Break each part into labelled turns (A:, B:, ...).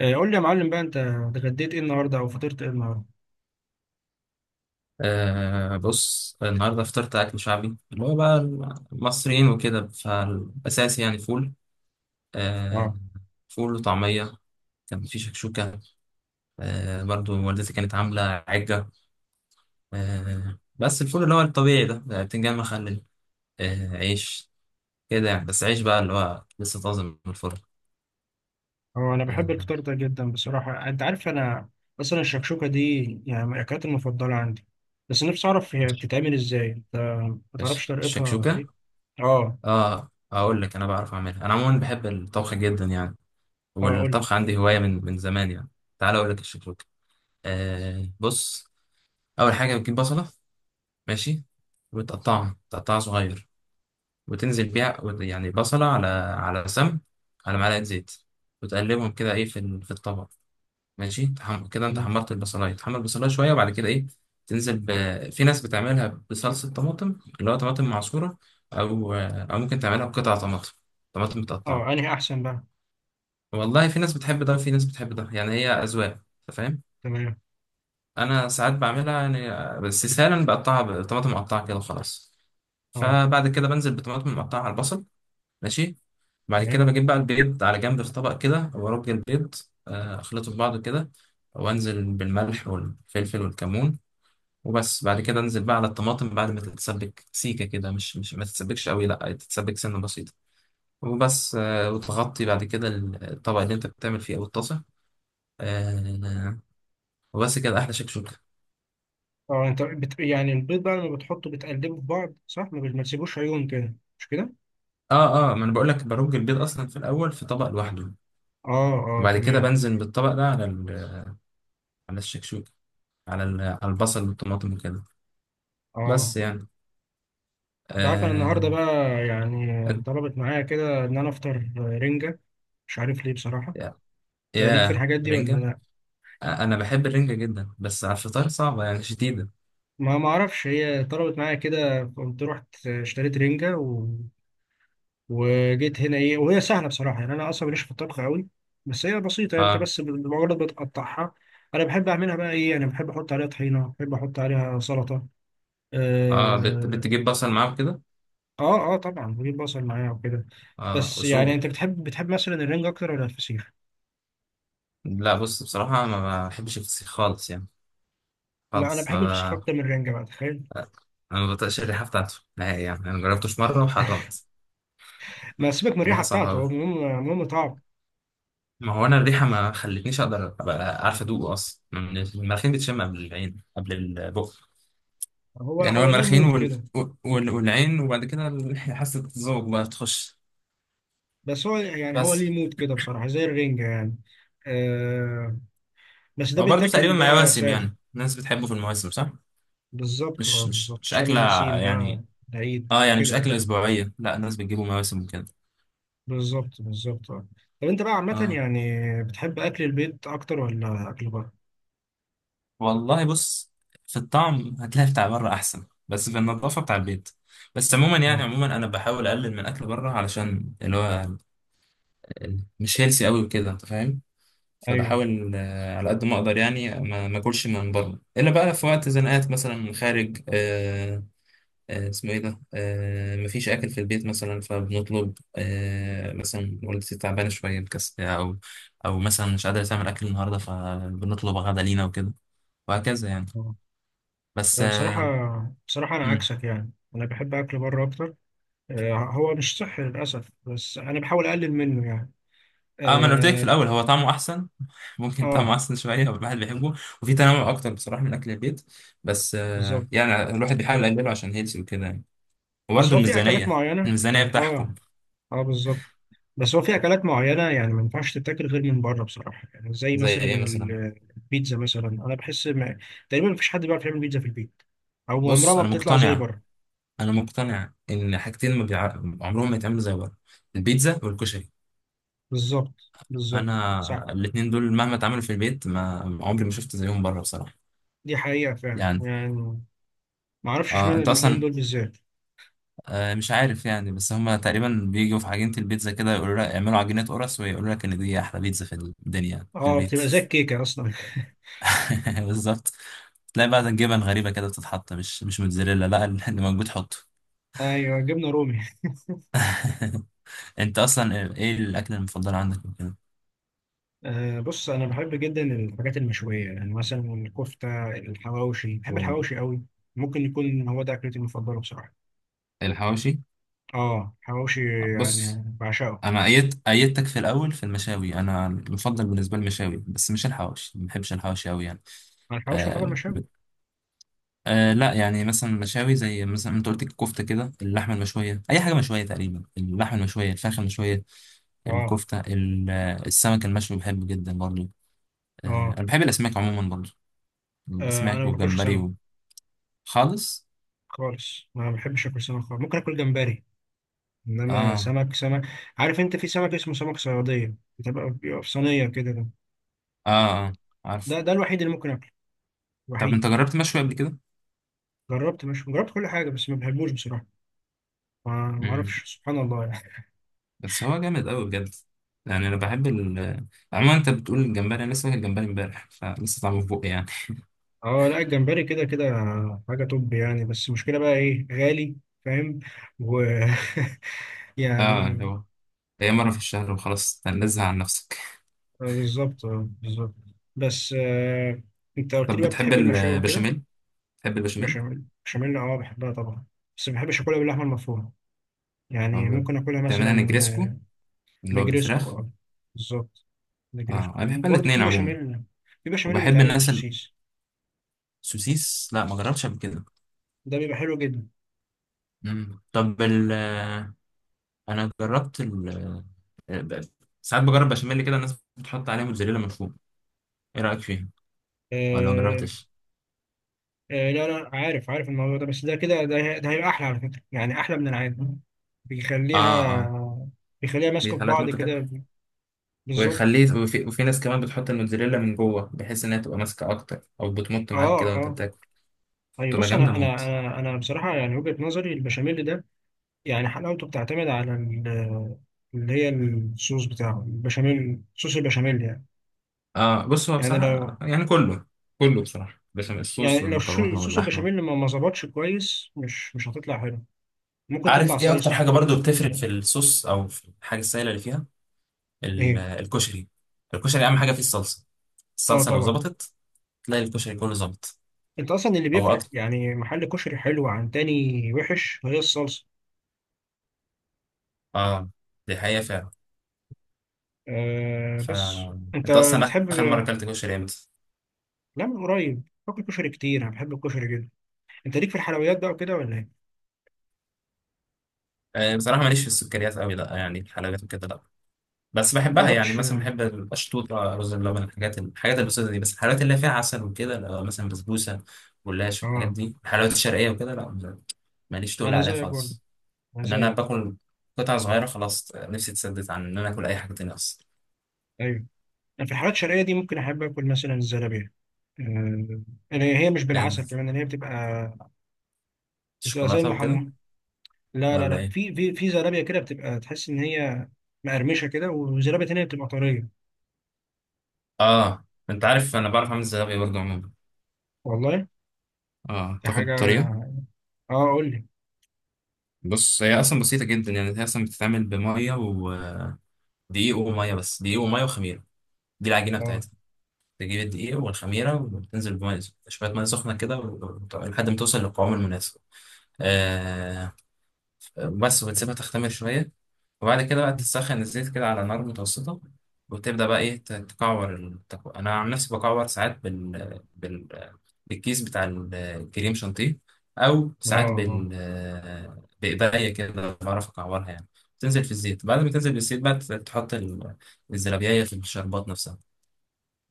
A: قول لي يا معلم بقى، انت اتغديت ايه النهارده او فطرت ايه النهارده؟
B: آه، بص النهارده فطرت اكل شعبي اللي هو بقى المصريين وكده فالاساسي يعني فول.
A: اه
B: آه، فول وطعميه. كان في شكشوكه. آه، برضو والدتي كانت عامله عجه. آه، بس الفول اللي هو الطبيعي ده بتنجان مخلل. آه، عيش كده يعني، بس عيش بقى اللي هو لسه طازه من الفرن.
A: هو انا بحب
B: آه.
A: الفطار ده جدا بصراحه. انت عارف، انا اصلا الشكشوكه دي يعني من الاكلات المفضله عندي. بس نفسي اعرف هي
B: إيش-
A: بتتعمل ازاي، انت ما تعرفش طريقتها
B: الشكشوكه؟
A: ايه؟ اه
B: اه، اقول لك، انا بعرف اعملها، انا عموما بحب الطبخ جدا يعني.
A: اه، قول لي.
B: والطبخ عندي هوايه من زمان يعني. تعال اقول لك الشكشوكه. آه، بص، اول حاجه بتجيب بصله. ماشي. وتقطعها صغير. وتنزل بيها يعني بصله على سمن، على معلقه زيت. وتقلبهم كده ايه، في الطبق. ماشي. كده انت
A: تمام.
B: حمرت البصلايه، تحمر البصلايه شويه، وبعد كده ايه؟ تنزل ب... في ناس بتعملها بصلصه طماطم، اللي هو طماطم معصوره، او ممكن تعملها بقطع طماطم، طماطم
A: اه،
B: متقطعه.
A: انهي احسن بقى؟
B: والله في ناس بتحب ده وفي ناس بتحب ده، يعني هي اذواق. أنت فاهم؟
A: تمام.
B: انا ساعات بعملها يعني بس سهلا، بقطعها بطماطم مقطعه كده وخلاص.
A: اه
B: فبعد كده بنزل بطماطم مقطعه على البصل. ماشي. بعد كده
A: تمام.
B: بجيب بقى البيض على جنب في طبق كده، وارج البيض. آه، اخلطه في بعضه كده، وانزل بالملح والفلفل والكمون. وبس. بعد كده انزل بقى على الطماطم بعد ما تتسبك سيكه كده، مش ما تتسبكش قوي، لا تتسبك سنه بسيطه. وبس. وتغطي بعد كده الطبق اللي انت بتعمل فيه او الطاسه. آه، وبس كده احلى شكشوكه.
A: اه انت بت... يعني البيض بقى لما بتحطه بتقلبه في بعض، صح؟ ما تسيبوش عيون كده، مش كده؟
B: اه، اه، ما انا بقول لك، برج البيض اصلا في الاول في طبق لوحده.
A: اه اه،
B: وبعد كده
A: تمام.
B: بنزل بالطبق ده على الشكشوكه، على البصل والطماطم وكده.
A: اه،
B: بس يعني.
A: انت عارف انا النهارده
B: آه.
A: بقى يعني ضربت معايا كده ان انا افطر رنجه. مش عارف ليه بصراحه.
B: يا
A: انت ليك في
B: يا
A: الحاجات دي ولا
B: رنجه!
A: لا؟
B: آه، انا بحب الرنجه جدا، بس على الفطار صعبه يعني شديده.
A: ما اعرفش، هي طلبت معايا كده، قمت رحت اشتريت رنجه و... وجيت هنا ايه، وهي سهله بصراحه يعني. انا اصلا ماليش في الطبخ قوي، بس هي بسيطه يعني. انت
B: اه،
A: بس بمجرد بتقطعها، انا بحب اعملها بقى ايه، انا بحب احط عليها طحينه، بحب احط عليها سلطه.
B: اه،
A: اه
B: بتجيب بصل معاه كده؟
A: اه، آه طبعا بجيب بصل معايا وكده.
B: اه،
A: بس يعني انت
B: اصول.
A: بتحب مثلا الرنجه اكتر ولا الفسيخ؟
B: لا، بص بصراحه ما بحبش الفسيخ خالص يعني،
A: لا، انا
B: خالص.
A: بحب الفشخ
B: ما
A: اكتر من الرنجه بقى، تخيل.
B: ب... انا ما بطيقش الريحه بتاعته نهائي يعني، انا جربته في مره وحرمت.
A: ما سيبك من الريحه
B: الريحه صعبه
A: بتاعته،
B: قوي.
A: هو المهم المهم طعم.
B: ما هو انا الريحه ما خلتنيش اقدر ابقى عارف ادوقه اصلا، من المناخير بتشم قبل العين قبل البق.
A: هو
B: يعني هو
A: هو ليه
B: المناخير
A: مود كده.
B: والعين، وبعد كده حاسه الذوق بقى تخش.
A: بس هو يعني هو
B: بس
A: ليه مود كده بصراحه، زي الرنجه يعني. آه. بس ده
B: هو برضه تقريبا
A: بيتاكل
B: مع
A: بقى
B: مواسم
A: ساده.
B: يعني، الناس بتحبه في المواسم صح.
A: بالظبط، اه
B: مش مش
A: بالظبط،
B: مش
A: شم
B: اكله
A: النسيم
B: يعني.
A: بقى. العيد
B: اه، يعني مش
A: كده
B: اكله
A: يعني.
B: اسبوعيه، لا الناس بتجيبه مواسم وكده.
A: بالظبط بالظبط، اه. طب انت بقى عامه
B: اه.
A: يعني، بتحب اكل البيت اكتر ولا اكل بره؟
B: والله بص، في الطعم هتلاقي بتاع بره احسن، بس في النظافه بتاع البيت. بس عموما يعني،
A: اه.
B: عموما انا بحاول اقلل من اكل بره علشان اللي هو مش هيلسي قوي وكده، انت فاهم.
A: ايوه.
B: فبحاول على قد ما اقدر يعني، ما اكلش من بره الا بقى في وقت زنقات، مثلا من خارج. اسمه ايه ده؟ مفيش اكل في البيت مثلا، فبنطلب. مثلا والدتي تعبانه شويه مكسله، او مثلا مش قادره تعمل اكل النهارده، فبنطلب غدا لينا وكده، وهكذا يعني.
A: آه.
B: بس.
A: انا بصراحه، بصراحه انا عكسك يعني، انا بحب اكل بره اكتر. هو مش صحي للأسف، بس أنا بحاول أقلل منه يعني.
B: اه، ما انا قلت لك في
A: آه,
B: الاول هو طعمه احسن ممكن طعمه
A: آه
B: احسن شويه، هو الواحد بيحبه. وفي تنوع اكتر بصراحه من اكل البيت. بس
A: بالظبط.
B: يعني الواحد بيحاول يقلله عشان هيلثي وكده يعني.
A: بس
B: وبرده
A: هو في أكلات
B: الميزانيه.
A: معينة
B: الميزانيه
A: يعني، آه.
B: بتحكم.
A: آه بالظبط. بس هو في أكلات معينة يعني ما ينفعش تتاكل غير من بره بصراحة، يعني زي
B: زي
A: مثلا
B: ايه مثلا؟
A: البيتزا مثلا. أنا بحس ما... تقريبا مفيش حد بيعرف يعمل بيتزا في البيت، أو عمرها
B: بص،
A: ما
B: انا
A: بتطلع زي
B: مقتنع
A: بره.
B: انا مقتنع ان حاجتين ما بيع... عمرهم ما يتعملوا زي بره: البيتزا والكشري.
A: بالظبط بالظبط، صح.
B: انا الاتنين دول مهما اتعملوا في البيت، ما عمري ما شفت زيهم بره بصراحه
A: دي حقيقة فعلا
B: يعني.
A: يعني. ما أعرفش
B: اه،
A: إشمعنى
B: انت
A: الاتنين
B: اصلا
A: دول بالذات.
B: مش عارف يعني، بس هما تقريبا بيجوا في عجينة البيتزا كده، يقولوا لك اعملوا عجينة قرص، ويقولوا لك ان دي احلى بيتزا في الدنيا في
A: آه،
B: البيت.
A: بتبقى زي الكيكة أصلا.
B: بالظبط. تلاقي بقى جبن غريبة كده بتتحط، مش موتزاريلا، لا اللي موجود حطه.
A: أيوه، جبنة رومي.
B: انت اصلا ايه الاكل المفضل عندك وكده؟
A: أه بص، أنا بحب جدا الحاجات المشوية، يعني مثلا الكفتة، الحواوشي، بحب
B: مم.
A: الحواوشي قوي. ممكن يكون هو ده أكلتي المفضلة بصراحة.
B: الحواوشي؟
A: آه، حواوشي.
B: بص
A: يعني بعشقه.
B: انا ايدتك في الاول في المشاوي، انا المفضل بالنسبه لي المشاوي بس مش الحواوشي، ما بحبش الحواوشي قوي يعني.
A: أنا الحواوشي يعتبر مشاوي.
B: آه، لا يعني، مثلا مشاوي زي مثلا انت قلت الكفته كده، اللحمه المشويه، اي حاجه مشويه تقريبا، اللحمه المشويه، الفراخ المشويه،
A: آه.
B: الكفته. السمك المشوي بحبه جدا برضه. آه،
A: آه.
B: انا بحب الاسماك عموما برضه،
A: أنا
B: الاسماك
A: ما باكلش
B: والجمبري
A: سمك
B: خالص.
A: خالص. ما بحبش آكل سمك خالص، ممكن آكل جمبري. إنما
B: اه،
A: سمك سمك. عارف أنت في سمك اسمه سمك صيادية، بتبقى بيبقى في صينية كده؟ ده
B: اه، اه، عارف.
A: ده ده الوحيد اللي ممكن آكله.
B: طب
A: الوحيد.
B: انت جربت مشوي قبل كده؟
A: جربت، مش جربت كل حاجة، بس ما بحبوش بصراحة. ما
B: امم.
A: أعرفش، سبحان الله يعني.
B: بس هو جامد قوي بجد، يعني انا بحب عموما. انت بتقول الجمبري، انا لسه واكل جمبري امبارح فلسه طعمه في بقي يعني.
A: اه لا، الجمبري كده كده حاجة توب يعني. بس المشكلة بقى ايه، غالي. فاهم. و
B: اه،
A: يعني.
B: اللي هو هي مره في الشهر وخلاص، تنزه عن نفسك.
A: بالظبط، بالظبط. بس آه، انت قلت
B: طب
A: لي بقى
B: بتحب
A: بتحب المشاوي وكده.
B: البشاميل؟ بتحب البشاميل
A: بشاميل، بشاميل اه بحبها طبعا. بس ما بحبش اكلها باللحمة المفرومة. يعني
B: عمرك
A: ممكن اكلها
B: بتعملها
A: مثلا
B: نجريسكو،
A: آه،
B: اللي هو
A: نجريسكو،
B: بالفراخ؟
A: اه بالظبط.
B: اه، انا
A: نجريسكو
B: بحب
A: وبرضه في
B: الاثنين عموما،
A: بشاميل. في بشاميل
B: وبحب
A: بيتعمل
B: الناس.
A: بالسوسيس،
B: السوسيس؟ لا ما جربتش قبل كده.
A: ده بيبقى حلو جدا.
B: مم. طب انا جربت ب- ساعات بجرب بشاميل كده، الناس بتحط عليه موتزاريلا من فوق. ايه رايك فيها، ولا ما
A: آه،
B: جربتش؟
A: لا لا، عارف عارف الموضوع ده. بس ده كده ده, ده هيبقى احلى على فكره يعني، احلى من العادي.
B: اه، اه،
A: بيخليها، بيخليها ماسكه
B: دي
A: في
B: حالات
A: بعض
B: ممكن كده.
A: كده. بالظبط.
B: ويخليه، وفي ناس كمان بتحط الموتزاريلا من جوه بحيث انها تبقى ماسكه اكتر، او بتمط معاك كده
A: اه
B: وانت
A: اه.
B: بتاكل.
A: طيب
B: تبقى
A: بص،
B: جامده
A: انا انا
B: موت.
A: انا انا بصراحه يعني وجهه نظري البشاميل ده، يعني حلاوته بتعتمد على ال-، اللي هي الصوص بتاعه البشاميل، صوص البشاميل يعني.
B: آه، بص هو
A: يعني لو،
B: بصراحة يعني كله، كله بصراحة، بس
A: يعني
B: الصوص
A: لو
B: والمكرونة
A: صوص
B: واللحمة.
A: البشاميل ما ظبطش كويس، مش مش هتطلع حلو، ممكن تطلع
B: عارف ايه اكتر
A: صيصه.
B: حاجه برضو بتفرق في الصوص، او في الحاجه السائله اللي فيها؟
A: ايه؟
B: الكشري. الكشري اهم حاجه فيه الصلصه.
A: اه
B: الصلصه لو
A: طبعا.
B: ظبطت، تلاقي الكشري كله ظبط.
A: انت اصلا اللي
B: هو
A: بيفرق
B: اكتر.
A: يعني محل كشري حلو عن تاني وحش هي الصلصه.
B: اه، دي حقيقه فعلا.
A: آه.
B: ف
A: بس انت
B: انت اصلا
A: بتحب.
B: اخر مره اكلت كشري امتى؟
A: لا، من قريب باكل كشري كتير، انا بحب الكشري جدا. انت ليك في الحلويات بقى وكده ولا ايه؟
B: آه، بصراحه ماليش في السكريات قوي، لا يعني الحلويات وكده لا. بس بحبها يعني،
A: جربتش.
B: مثلا بحب القشطوطه، رز بلبن، الحاجات البسيطه دي، بس الحلويات اللي فيها عسل وكده لا، مثلا بسبوسه، جلاش والحاجات
A: اه،
B: دي، الحلويات الشرقيه وكده لا، ماليش تقول
A: انا
B: عليها
A: زيك برضه،
B: خالص.
A: انا
B: ان انا
A: زيك.
B: باكل قطعه صغيره، خلاص نفسي تسدت عن ان انا اكل اي حاجه تانية اصلا.
A: ايوه. انا في الحلويات الشرقيه دي ممكن احب اكل مثلا الزلابيه. آه. اللي هي مش بالعسل
B: إز-
A: كمان، اللي هي بتبقى، بتبقى زي
B: شوكولاته وكده
A: المحم. لا لا
B: ولا
A: لا،
B: ايه؟
A: في في في زلابيه كده بتبقى تحس ان هي مقرمشه كده، وزلابيه تانيه بتبقى طريه.
B: اه، انت عارف انا بعرف اعمل الزلابيه برضه عموما.
A: والله.
B: اه،
A: دي
B: تاخد
A: حاجه.
B: الطريقه؟
A: اه قول لي.
B: بص، هي اصلا بسيطه جدا يعني، هي اصلا بتتعمل بميه ودقيق، وميه، بس دقيق وميه وخميره. دي العجينه
A: اه
B: بتاعتها. تجيب الدقيق والخميرة وتنزل بمية، شوية مية سخنة كده، لحد ما توصل للقوام المناسب. آه. بس، وتسيبها تختمر شوية. وبعد كده بقى تسخن الزيت كده على نار متوسطة، وتبدأ بقى إيه، تكعور. أنا عن نفسي بكعور ساعات بالكيس بتاع الكريم شانتيه، أو
A: اه.
B: ساعات
A: اه
B: بإيديا كده بعرف أكعورها يعني. تنزل في الزيت، بعد ما تنزل بالزيت بقى تحط الزلابية في الشربات نفسها.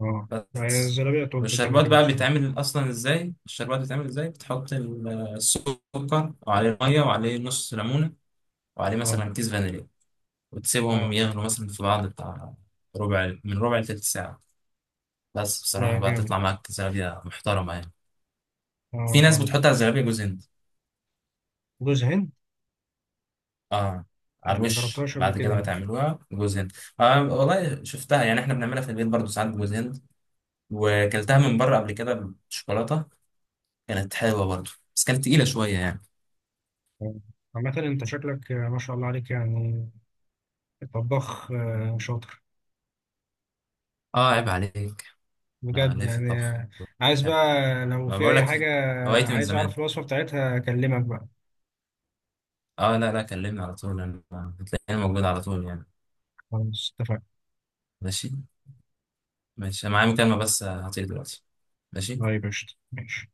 A: اه. هي
B: بس.
A: الزلابية طب كده
B: والشربات
A: كده
B: بقى
A: بصراحة.
B: بيتعمل اصلا ازاي؟ الشربات بيتعمل ازاي: بتحط السكر وعليه ميه وعليه نص ليمونه، وعليه
A: اه
B: مثلا كيس فانيليا، وتسيبهم
A: اه.
B: يغلوا مثلا في بعض بتاع ربع، من ربع لتلت ساعه. بس
A: لا
B: بصراحه بقى
A: جامد.
B: تطلع معاك زلابيه محترمه يعني.
A: اه
B: في ناس
A: اه.
B: بتحط على الزلابيه جوز هند.
A: جوز هند.
B: اه، على
A: ما
B: الوش
A: جربتهاش قبل
B: بعد كده
A: كده.
B: ما تعملوها، جوز هند. آه، والله شفتها يعني، احنا بنعملها في البيت برضو ساعات بجوز هند. وكلتها من بره قبل كده بالشوكولاته، كانت حلوه برضو، بس كانت تقيله شويه يعني.
A: آه. عامة انت شكلك آه، ما شاء الله عليك يعني، طباخ شاطر.
B: اه، عيب عليك. انا
A: بجد
B: ليه في
A: يعني،
B: الطبخ،
A: آه، عايز
B: بحب.
A: بقى لو
B: ما
A: في
B: بقول
A: أي
B: لك،
A: حاجة،
B: هوايتي من
A: عايز
B: زمان.
A: أعرف الوصفة بتاعتها أكلمك بقى.
B: اه، لا لا، كلمني على طول. انا هتلاقيني موجود على طول يعني.
A: خلاص، اتفقنا.
B: ماشي. ماشي، أنا معايا مكالمة بس هطير دلوقتي. ماشي.
A: طيب، قشطة، ماشي.